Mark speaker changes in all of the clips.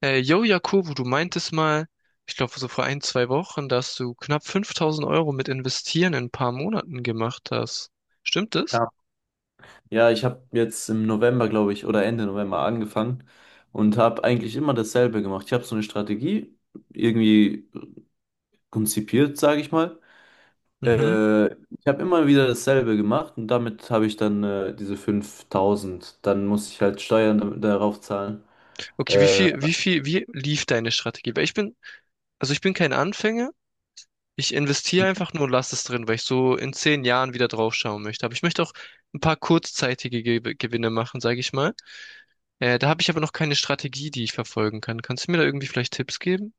Speaker 1: Yo, Jakobo, du meintest mal, ich glaube so vor ein, zwei Wochen, dass du knapp 5.000 Euro mit Investieren in ein paar Monaten gemacht hast. Stimmt das?
Speaker 2: Ja, ja, ich habe jetzt im November, glaube ich, oder Ende November angefangen und habe eigentlich immer dasselbe gemacht. Ich habe so eine Strategie irgendwie konzipiert, sage ich mal.
Speaker 1: Mhm.
Speaker 2: Ich habe immer wieder dasselbe gemacht und damit habe ich dann diese 5.000. Dann muss ich halt Steuern darauf zahlen.
Speaker 1: Okay,
Speaker 2: Äh,
Speaker 1: wie lief deine Strategie? Also ich bin kein Anfänger. Ich investiere einfach nur und lasse es drin, weil ich so in 10 Jahren wieder draufschauen möchte. Aber ich möchte auch ein paar kurzzeitige Ge Gewinne machen, sage ich mal. Da habe ich aber noch keine Strategie, die ich verfolgen kann. Kannst du mir da irgendwie vielleicht Tipps geben?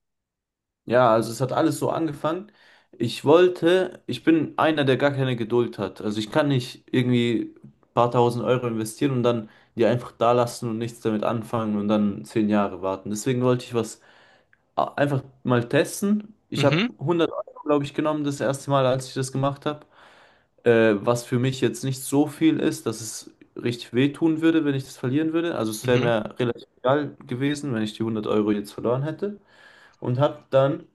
Speaker 2: Ja, also es hat alles so angefangen. Ich wollte, ich bin einer, der gar keine Geduld hat. Also ich kann nicht irgendwie ein paar tausend Euro investieren und dann die einfach da lassen und nichts damit anfangen und dann 10 Jahre warten. Deswegen wollte ich was einfach mal testen. Ich habe
Speaker 1: Mhm,
Speaker 2: 100 Euro, glaube ich, genommen das erste Mal, als ich das gemacht habe. Was für mich jetzt nicht so viel ist, dass es richtig wehtun würde, wenn ich das verlieren würde. Also es wäre
Speaker 1: mhm,
Speaker 2: mir relativ egal gewesen, wenn ich die 100 Euro jetzt verloren hätte. und habe dann,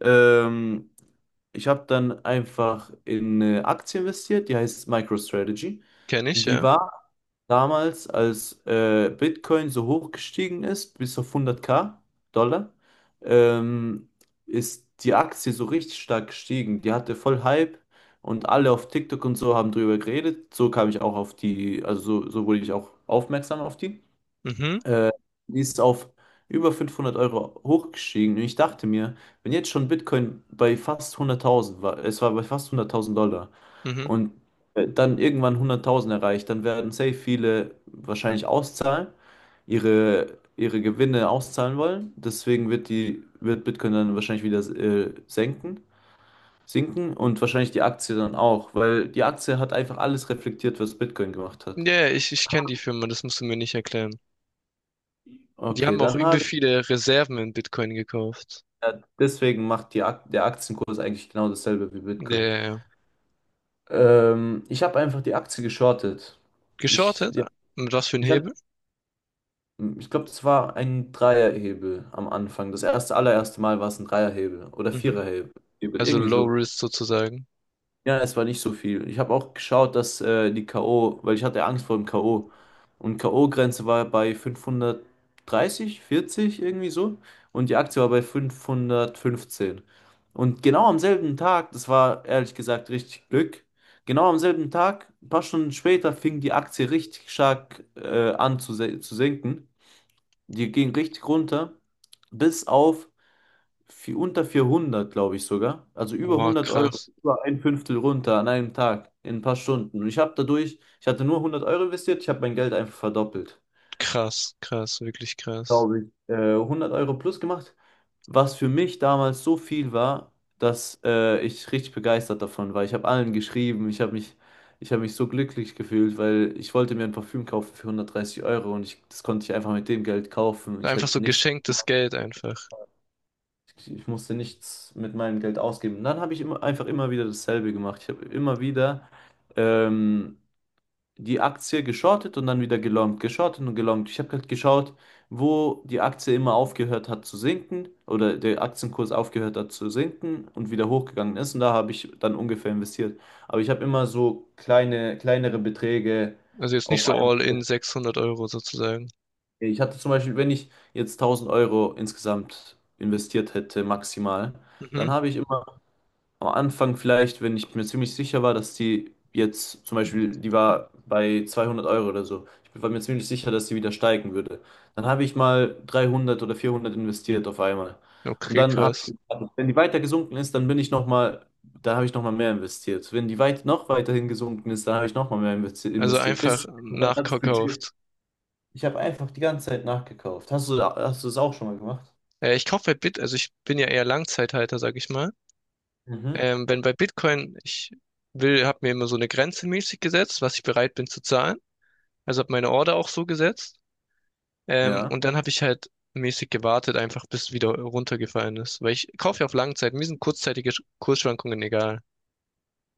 Speaker 2: ähm, ich habe dann einfach in eine Aktie investiert, die heißt MicroStrategy.
Speaker 1: kenne ich,
Speaker 2: Und die
Speaker 1: ja.
Speaker 2: war damals, als Bitcoin so hoch gestiegen ist, bis auf 100k Dollar. ähm, Ist die Aktie so richtig stark gestiegen. Die hatte voll Hype und alle auf TikTok und so haben drüber geredet. So kam ich auch auf die, also so wurde ich auch aufmerksam auf die.
Speaker 1: Mhm,
Speaker 2: äh, Die ist auf über 500 Euro hochgestiegen. Und ich dachte mir, wenn jetzt schon Bitcoin bei fast 100.000 war, es war bei fast 100.000 Dollar
Speaker 1: mhm.
Speaker 2: und dann irgendwann 100.000 erreicht, dann werden safe viele wahrscheinlich auszahlen, ihre Gewinne auszahlen wollen. Deswegen wird wird Bitcoin dann wahrscheinlich wieder senken. Sinken und wahrscheinlich die Aktie dann auch, weil die Aktie hat einfach alles reflektiert, was Bitcoin gemacht hat.
Speaker 1: Ja, ja, ich kenne die Firma, das musst du mir nicht erklären. Die
Speaker 2: Okay,
Speaker 1: haben auch
Speaker 2: dann
Speaker 1: übel
Speaker 2: habe.
Speaker 1: viele Reserven in Bitcoin gekauft.
Speaker 2: Ja, deswegen macht die Ak der Aktienkurs eigentlich genau dasselbe wie
Speaker 1: Ja,
Speaker 2: Bitcoin.
Speaker 1: ja, ja.
Speaker 2: Ich habe einfach die Aktie geschortet. Ich,
Speaker 1: Geschortet?
Speaker 2: ja,
Speaker 1: Mit was für ein
Speaker 2: ich hab,
Speaker 1: Hebel?
Speaker 2: ich glaube, das war ein Dreierhebel am Anfang. Das erste, allererste Mal war es ein Dreierhebel oder
Speaker 1: Mhm.
Speaker 2: Viererhebel,
Speaker 1: Also
Speaker 2: irgendwie
Speaker 1: Low
Speaker 2: so.
Speaker 1: Risk sozusagen.
Speaker 2: Ja, es war nicht so viel. Ich habe auch geschaut, dass die K.O., weil ich hatte Angst vor dem K.O. Und K.O.-Grenze war bei 530, 40 irgendwie so. Und die Aktie war bei 515. Und genau am selben Tag, das war ehrlich gesagt richtig Glück, genau am selben Tag, ein paar Stunden später, fing die Aktie richtig stark an zu sinken. Die ging richtig runter, bis auf viel, unter 400, glaube ich sogar. Also über
Speaker 1: Boah,
Speaker 2: 100 Euro,
Speaker 1: krass.
Speaker 2: über ein Fünftel runter an einem Tag, in ein paar Stunden. Und ich habe dadurch, ich hatte nur 100 Euro investiert, ich habe mein Geld einfach verdoppelt.
Speaker 1: Krass, krass, wirklich krass.
Speaker 2: Glaube ich. 100 Euro plus gemacht, was für mich damals so viel war, dass ich richtig begeistert davon war. Ich habe allen geschrieben, ich habe mich so glücklich gefühlt, weil ich wollte mir ein Parfüm kaufen für 130 Euro und das konnte ich einfach mit dem Geld kaufen. Ich
Speaker 1: Einfach
Speaker 2: hätte
Speaker 1: so
Speaker 2: nichts.
Speaker 1: geschenktes Geld einfach.
Speaker 2: Ich musste nichts mit meinem Geld ausgeben. Und dann habe ich einfach immer wieder dasselbe gemacht. Ich habe immer wieder ähm, die Aktie geschortet und dann wieder gelongt, geschortet und gelongt. Ich habe halt geschaut, wo die Aktie immer aufgehört hat zu sinken oder der Aktienkurs aufgehört hat zu sinken und wieder hochgegangen ist. Und da habe ich dann ungefähr investiert. Aber ich habe immer so kleine, kleinere Beträge
Speaker 1: Also jetzt nicht
Speaker 2: auf
Speaker 1: so
Speaker 2: einmal.
Speaker 1: all in 600 Euro sozusagen.
Speaker 2: Ich hatte zum Beispiel, wenn ich jetzt 1.000 Euro insgesamt investiert hätte, maximal,
Speaker 1: Mhm.
Speaker 2: dann habe ich immer am Anfang vielleicht, wenn ich mir ziemlich sicher war, dass die jetzt zum Beispiel, die war bei 200 Euro oder so. Ich war mir ziemlich sicher, dass die wieder steigen würde. Dann habe ich mal 300 oder 400 investiert auf einmal. Und
Speaker 1: Okay,
Speaker 2: dann habe ich
Speaker 1: krass.
Speaker 2: gewartet. Wenn die weiter gesunken ist, dann bin ich noch mal, da habe ich noch mal mehr investiert. Wenn die weit noch weiterhin gesunken ist, dann habe ich noch mal mehr investi-
Speaker 1: Also
Speaker 2: investiert.
Speaker 1: einfach
Speaker 2: Bis mein ganzes Budget.
Speaker 1: nachverkauft.
Speaker 2: Ich habe einfach die ganze Zeit nachgekauft. Hast du das auch schon mal gemacht?
Speaker 1: Ich kaufe halt also ich bin ja eher Langzeithalter, sag ich mal.
Speaker 2: Mhm.
Speaker 1: Wenn bei Bitcoin, habe mir immer so eine Grenze mäßig gesetzt, was ich bereit bin zu zahlen. Also habe meine Order auch so gesetzt. Ähm,
Speaker 2: Ja,
Speaker 1: und dann habe ich halt mäßig gewartet, einfach bis wieder runtergefallen ist. Weil ich kaufe ja auf Langzeit, mir sind kurzzeitige Kursschwankungen egal.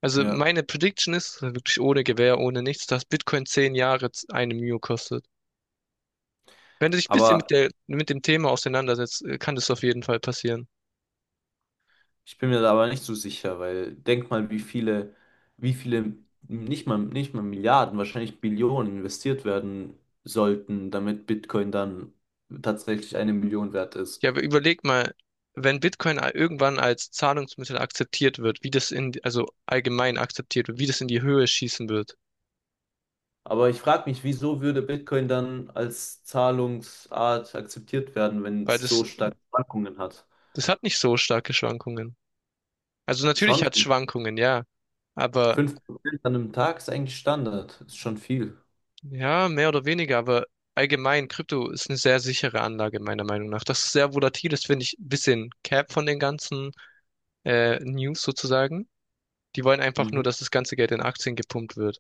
Speaker 1: Also
Speaker 2: ja.
Speaker 1: meine Prediction ist also wirklich ohne Gewähr, ohne nichts, dass Bitcoin 10 Jahre eine Mio kostet. Wenn du dich ein bisschen mit
Speaker 2: Aber
Speaker 1: der, mit dem Thema auseinandersetzt, kann das auf jeden Fall passieren.
Speaker 2: Ich bin mir da aber nicht so sicher, weil denk mal, wie viele, nicht mal Milliarden, wahrscheinlich Billionen investiert werden sollten, damit Bitcoin dann tatsächlich 1 Million wert
Speaker 1: Ja,
Speaker 2: ist.
Speaker 1: aber überleg mal, wenn Bitcoin irgendwann als Zahlungsmittel akzeptiert wird, also allgemein akzeptiert wird, wie das in die Höhe schießen wird.
Speaker 2: Aber ich frage mich, wieso würde Bitcoin dann als Zahlungsart akzeptiert werden, wenn
Speaker 1: Weil
Speaker 2: es so
Speaker 1: das,
Speaker 2: starke Schwankungen hat?
Speaker 1: das hat nicht so starke Schwankungen. Also natürlich
Speaker 2: Schon
Speaker 1: hat es Schwankungen, ja. Aber
Speaker 2: 5% an einem Tag ist eigentlich Standard. Ist schon viel.
Speaker 1: ja, mehr oder weniger, aber allgemein, Krypto ist eine sehr sichere Anlage, meiner Meinung nach. Das ist sehr volatil ist, finde ich ein bisschen cap von den ganzen News sozusagen. Die wollen einfach
Speaker 2: Mhm.
Speaker 1: nur, dass das ganze Geld in Aktien gepumpt wird.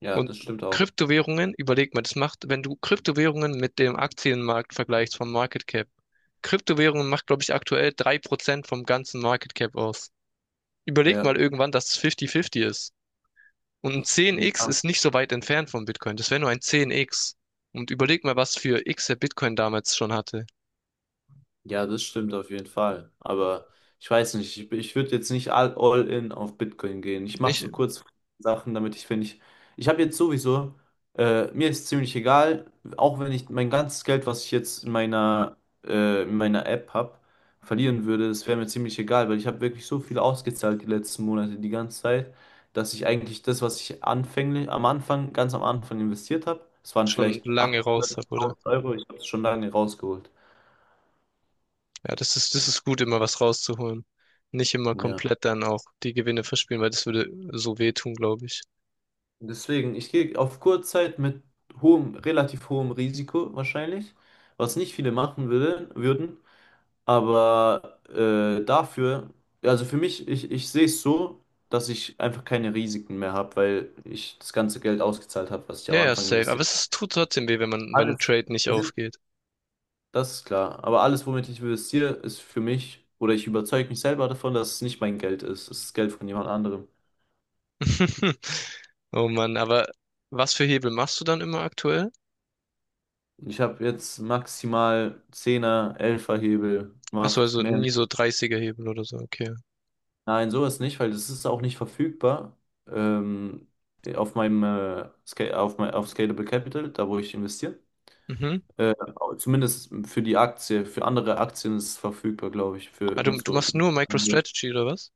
Speaker 2: Ja,
Speaker 1: Und
Speaker 2: das stimmt auch.
Speaker 1: Kryptowährungen, überleg mal, das macht, wenn du Kryptowährungen mit dem Aktienmarkt vergleichst vom Market Cap. Kryptowährungen macht, glaube ich, aktuell 3% vom ganzen Market Cap aus. Überleg mal
Speaker 2: Ja.
Speaker 1: irgendwann, dass es 50-50 ist. Und ein 10x
Speaker 2: Ja.
Speaker 1: ist nicht so weit entfernt von Bitcoin. Das wäre nur ein 10x. Und überleg mal, was für x der Bitcoin damals schon hatte.
Speaker 2: Ja, das stimmt auf jeden Fall. Aber ich weiß nicht, ich würde jetzt nicht all in auf Bitcoin gehen. Ich mache
Speaker 1: Nicht
Speaker 2: so kurz Sachen, damit ich, wenn ich habe jetzt sowieso, mir ist ziemlich egal, auch wenn ich mein ganzes Geld, was ich jetzt in meiner App habe, verlieren würde, das wäre mir ziemlich egal, weil ich habe wirklich so viel ausgezahlt die letzten Monate, die ganze Zeit, dass ich eigentlich das, was ich anfänglich, am Anfang, ganz am Anfang investiert habe, es waren
Speaker 1: schon
Speaker 2: vielleicht
Speaker 1: lange raus hat, oder?
Speaker 2: 800.000 Euro, ich habe es schon lange rausgeholt.
Speaker 1: Ja, das ist gut, immer was rauszuholen. Nicht immer
Speaker 2: Ja.
Speaker 1: komplett dann auch die Gewinne verspielen, weil das würde so wehtun, glaube ich.
Speaker 2: Deswegen, ich gehe auf Kurzzeit mit hohem, relativ hohem Risiko wahrscheinlich, was nicht viele machen würde, würden, aber dafür, also für mich, ich sehe es so, dass ich einfach keine Risiken mehr habe, weil ich das ganze Geld ausgezahlt habe, was ich
Speaker 1: Ja,
Speaker 2: am
Speaker 1: ja,
Speaker 2: Anfang
Speaker 1: safe. Aber
Speaker 2: investiert habe.
Speaker 1: es tut trotzdem weh, wenn wenn ein
Speaker 2: Alles.
Speaker 1: Trade nicht
Speaker 2: Es ist,
Speaker 1: aufgeht.
Speaker 2: das ist klar, aber alles, womit ich investiere, ist für mich, oder ich überzeuge mich selber davon, dass es nicht mein Geld ist, es ist Geld von jemand anderem.
Speaker 1: Oh Mann, aber was für Hebel machst du dann immer aktuell?
Speaker 2: Ich habe jetzt maximal zehner er Hebel
Speaker 1: Achso,
Speaker 2: gemacht,
Speaker 1: also
Speaker 2: mehr
Speaker 1: nie
Speaker 2: nicht.
Speaker 1: so 30 Hebel oder so, okay.
Speaker 2: Nein, sowas nicht, weil das ist auch nicht verfügbar. Ähm, auf meinem Sca- auf, mein, auf Scalable Capital, da wo ich investiere.
Speaker 1: Mhm.
Speaker 2: Äh, Zumindest für die Aktie, für andere Aktien ist es verfügbar, glaube ich, für
Speaker 1: Ah, du,
Speaker 2: mit
Speaker 1: du
Speaker 2: so.
Speaker 1: machst nur MicroStrategy oder was?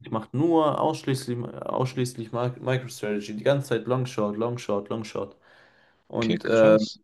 Speaker 2: Ich mache nur ausschließlich MicroStrategy, die ganze Zeit Long Short, Long Short, Long Short.
Speaker 1: Okay,
Speaker 2: Und
Speaker 1: krass.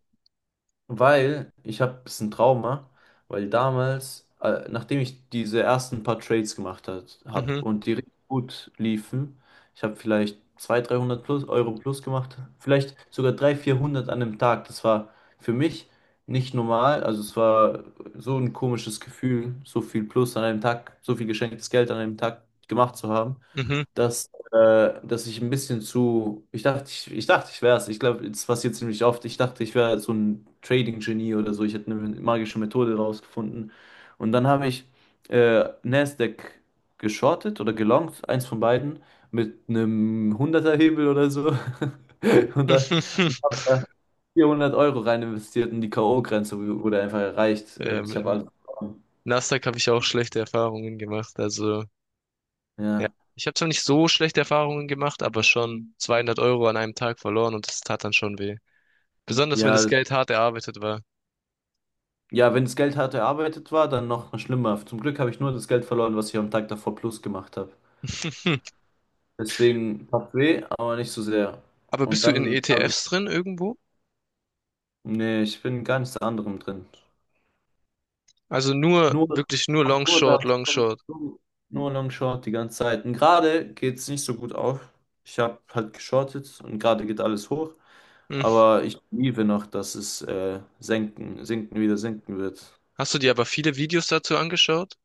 Speaker 2: weil ich habe ein bisschen Trauma, weil damals, nachdem ich diese ersten paar Trades gemacht habe
Speaker 1: Mhm,
Speaker 2: und die richtig gut liefen, ich habe vielleicht 200, 300 plus, Euro plus gemacht, vielleicht sogar 300, 400 an einem Tag. Das war für mich nicht normal. Also es war so ein komisches Gefühl, so viel plus an einem Tag, so viel geschenktes Geld an einem Tag gemacht zu haben,
Speaker 1: mhm.
Speaker 2: dass dass ich ein bisschen zu, ich dachte, ich wäre es. Ich glaube, es passiert ziemlich oft. Ich dachte, ich wäre so ein Trading-Genie oder so. Ich hätte eine magische Methode rausgefunden. Und dann habe ich Nasdaq geschortet oder gelongt, eins von beiden, mit einem hunderter hebel oder so. Und dann habe da 400 Euro rein investiert und die K.O.-Grenze wurde einfach erreicht.
Speaker 1: Ja,
Speaker 2: Und ich habe
Speaker 1: mit
Speaker 2: alles verloren.
Speaker 1: Nasdaq habe ich auch schlechte Erfahrungen gemacht. Also, ja,
Speaker 2: Ja.
Speaker 1: ich habe zwar nicht so schlechte Erfahrungen gemacht, aber schon 200 Euro an einem Tag verloren und das tat dann schon weh. Besonders wenn das
Speaker 2: Ja.
Speaker 1: Geld hart erarbeitet war.
Speaker 2: Ja, wenn das Geld hart erarbeitet war, dann noch schlimmer. Zum Glück habe ich nur das Geld verloren, was ich am Tag davor plus gemacht habe. Deswegen tat weh, aber nicht so sehr.
Speaker 1: Aber
Speaker 2: Und
Speaker 1: bist du in
Speaker 2: dann habe ich.
Speaker 1: ETFs drin irgendwo?
Speaker 2: Nee, ich bin gar nichts anderem drin.
Speaker 1: Also nur,
Speaker 2: Nur,
Speaker 1: wirklich nur
Speaker 2: ach,
Speaker 1: Long
Speaker 2: nur
Speaker 1: Short,
Speaker 2: das,
Speaker 1: Long Short.
Speaker 2: nur Long Short die ganze Zeit. Und gerade geht es nicht so gut auf. Ich habe halt geschortet und gerade geht alles hoch.
Speaker 1: Hm.
Speaker 2: Aber ich liebe noch, dass es senken, sinken wieder sinken wird.
Speaker 1: Hast du dir aber viele Videos dazu angeschaut?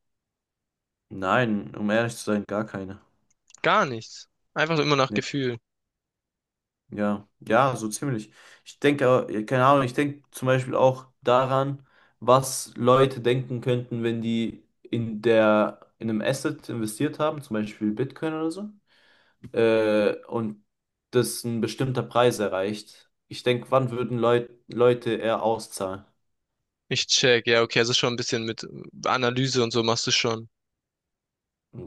Speaker 2: Nein, um ehrlich zu sein, gar keine.
Speaker 1: Gar nichts. Einfach immer nach
Speaker 2: Nee.
Speaker 1: Gefühl.
Speaker 2: Ja, ja, so ziemlich. Ich denke, ja, keine Ahnung, ich denke zum Beispiel auch daran, was Leute denken könnten, wenn die in einem Asset investiert haben, zum Beispiel Bitcoin oder so, und das ein bestimmter Preis erreicht. Ich denke, wann würden Leute eher auszahlen?
Speaker 1: Ich check. Ja, okay, also schon ein bisschen mit Analyse und so machst du schon.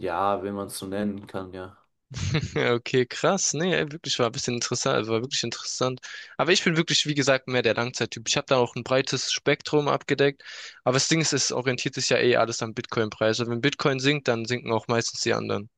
Speaker 2: Ja, wenn man es so nennen kann, ja.
Speaker 1: Ja, okay, krass. Nee, ey, wirklich war ein bisschen interessant, war wirklich interessant. Aber ich bin wirklich, wie gesagt, mehr der Langzeittyp. Ich habe da auch ein breites Spektrum abgedeckt. Aber das Ding ist, es orientiert sich ja eh alles am Bitcoin-Preis. Und wenn Bitcoin sinkt, dann sinken auch meistens die anderen.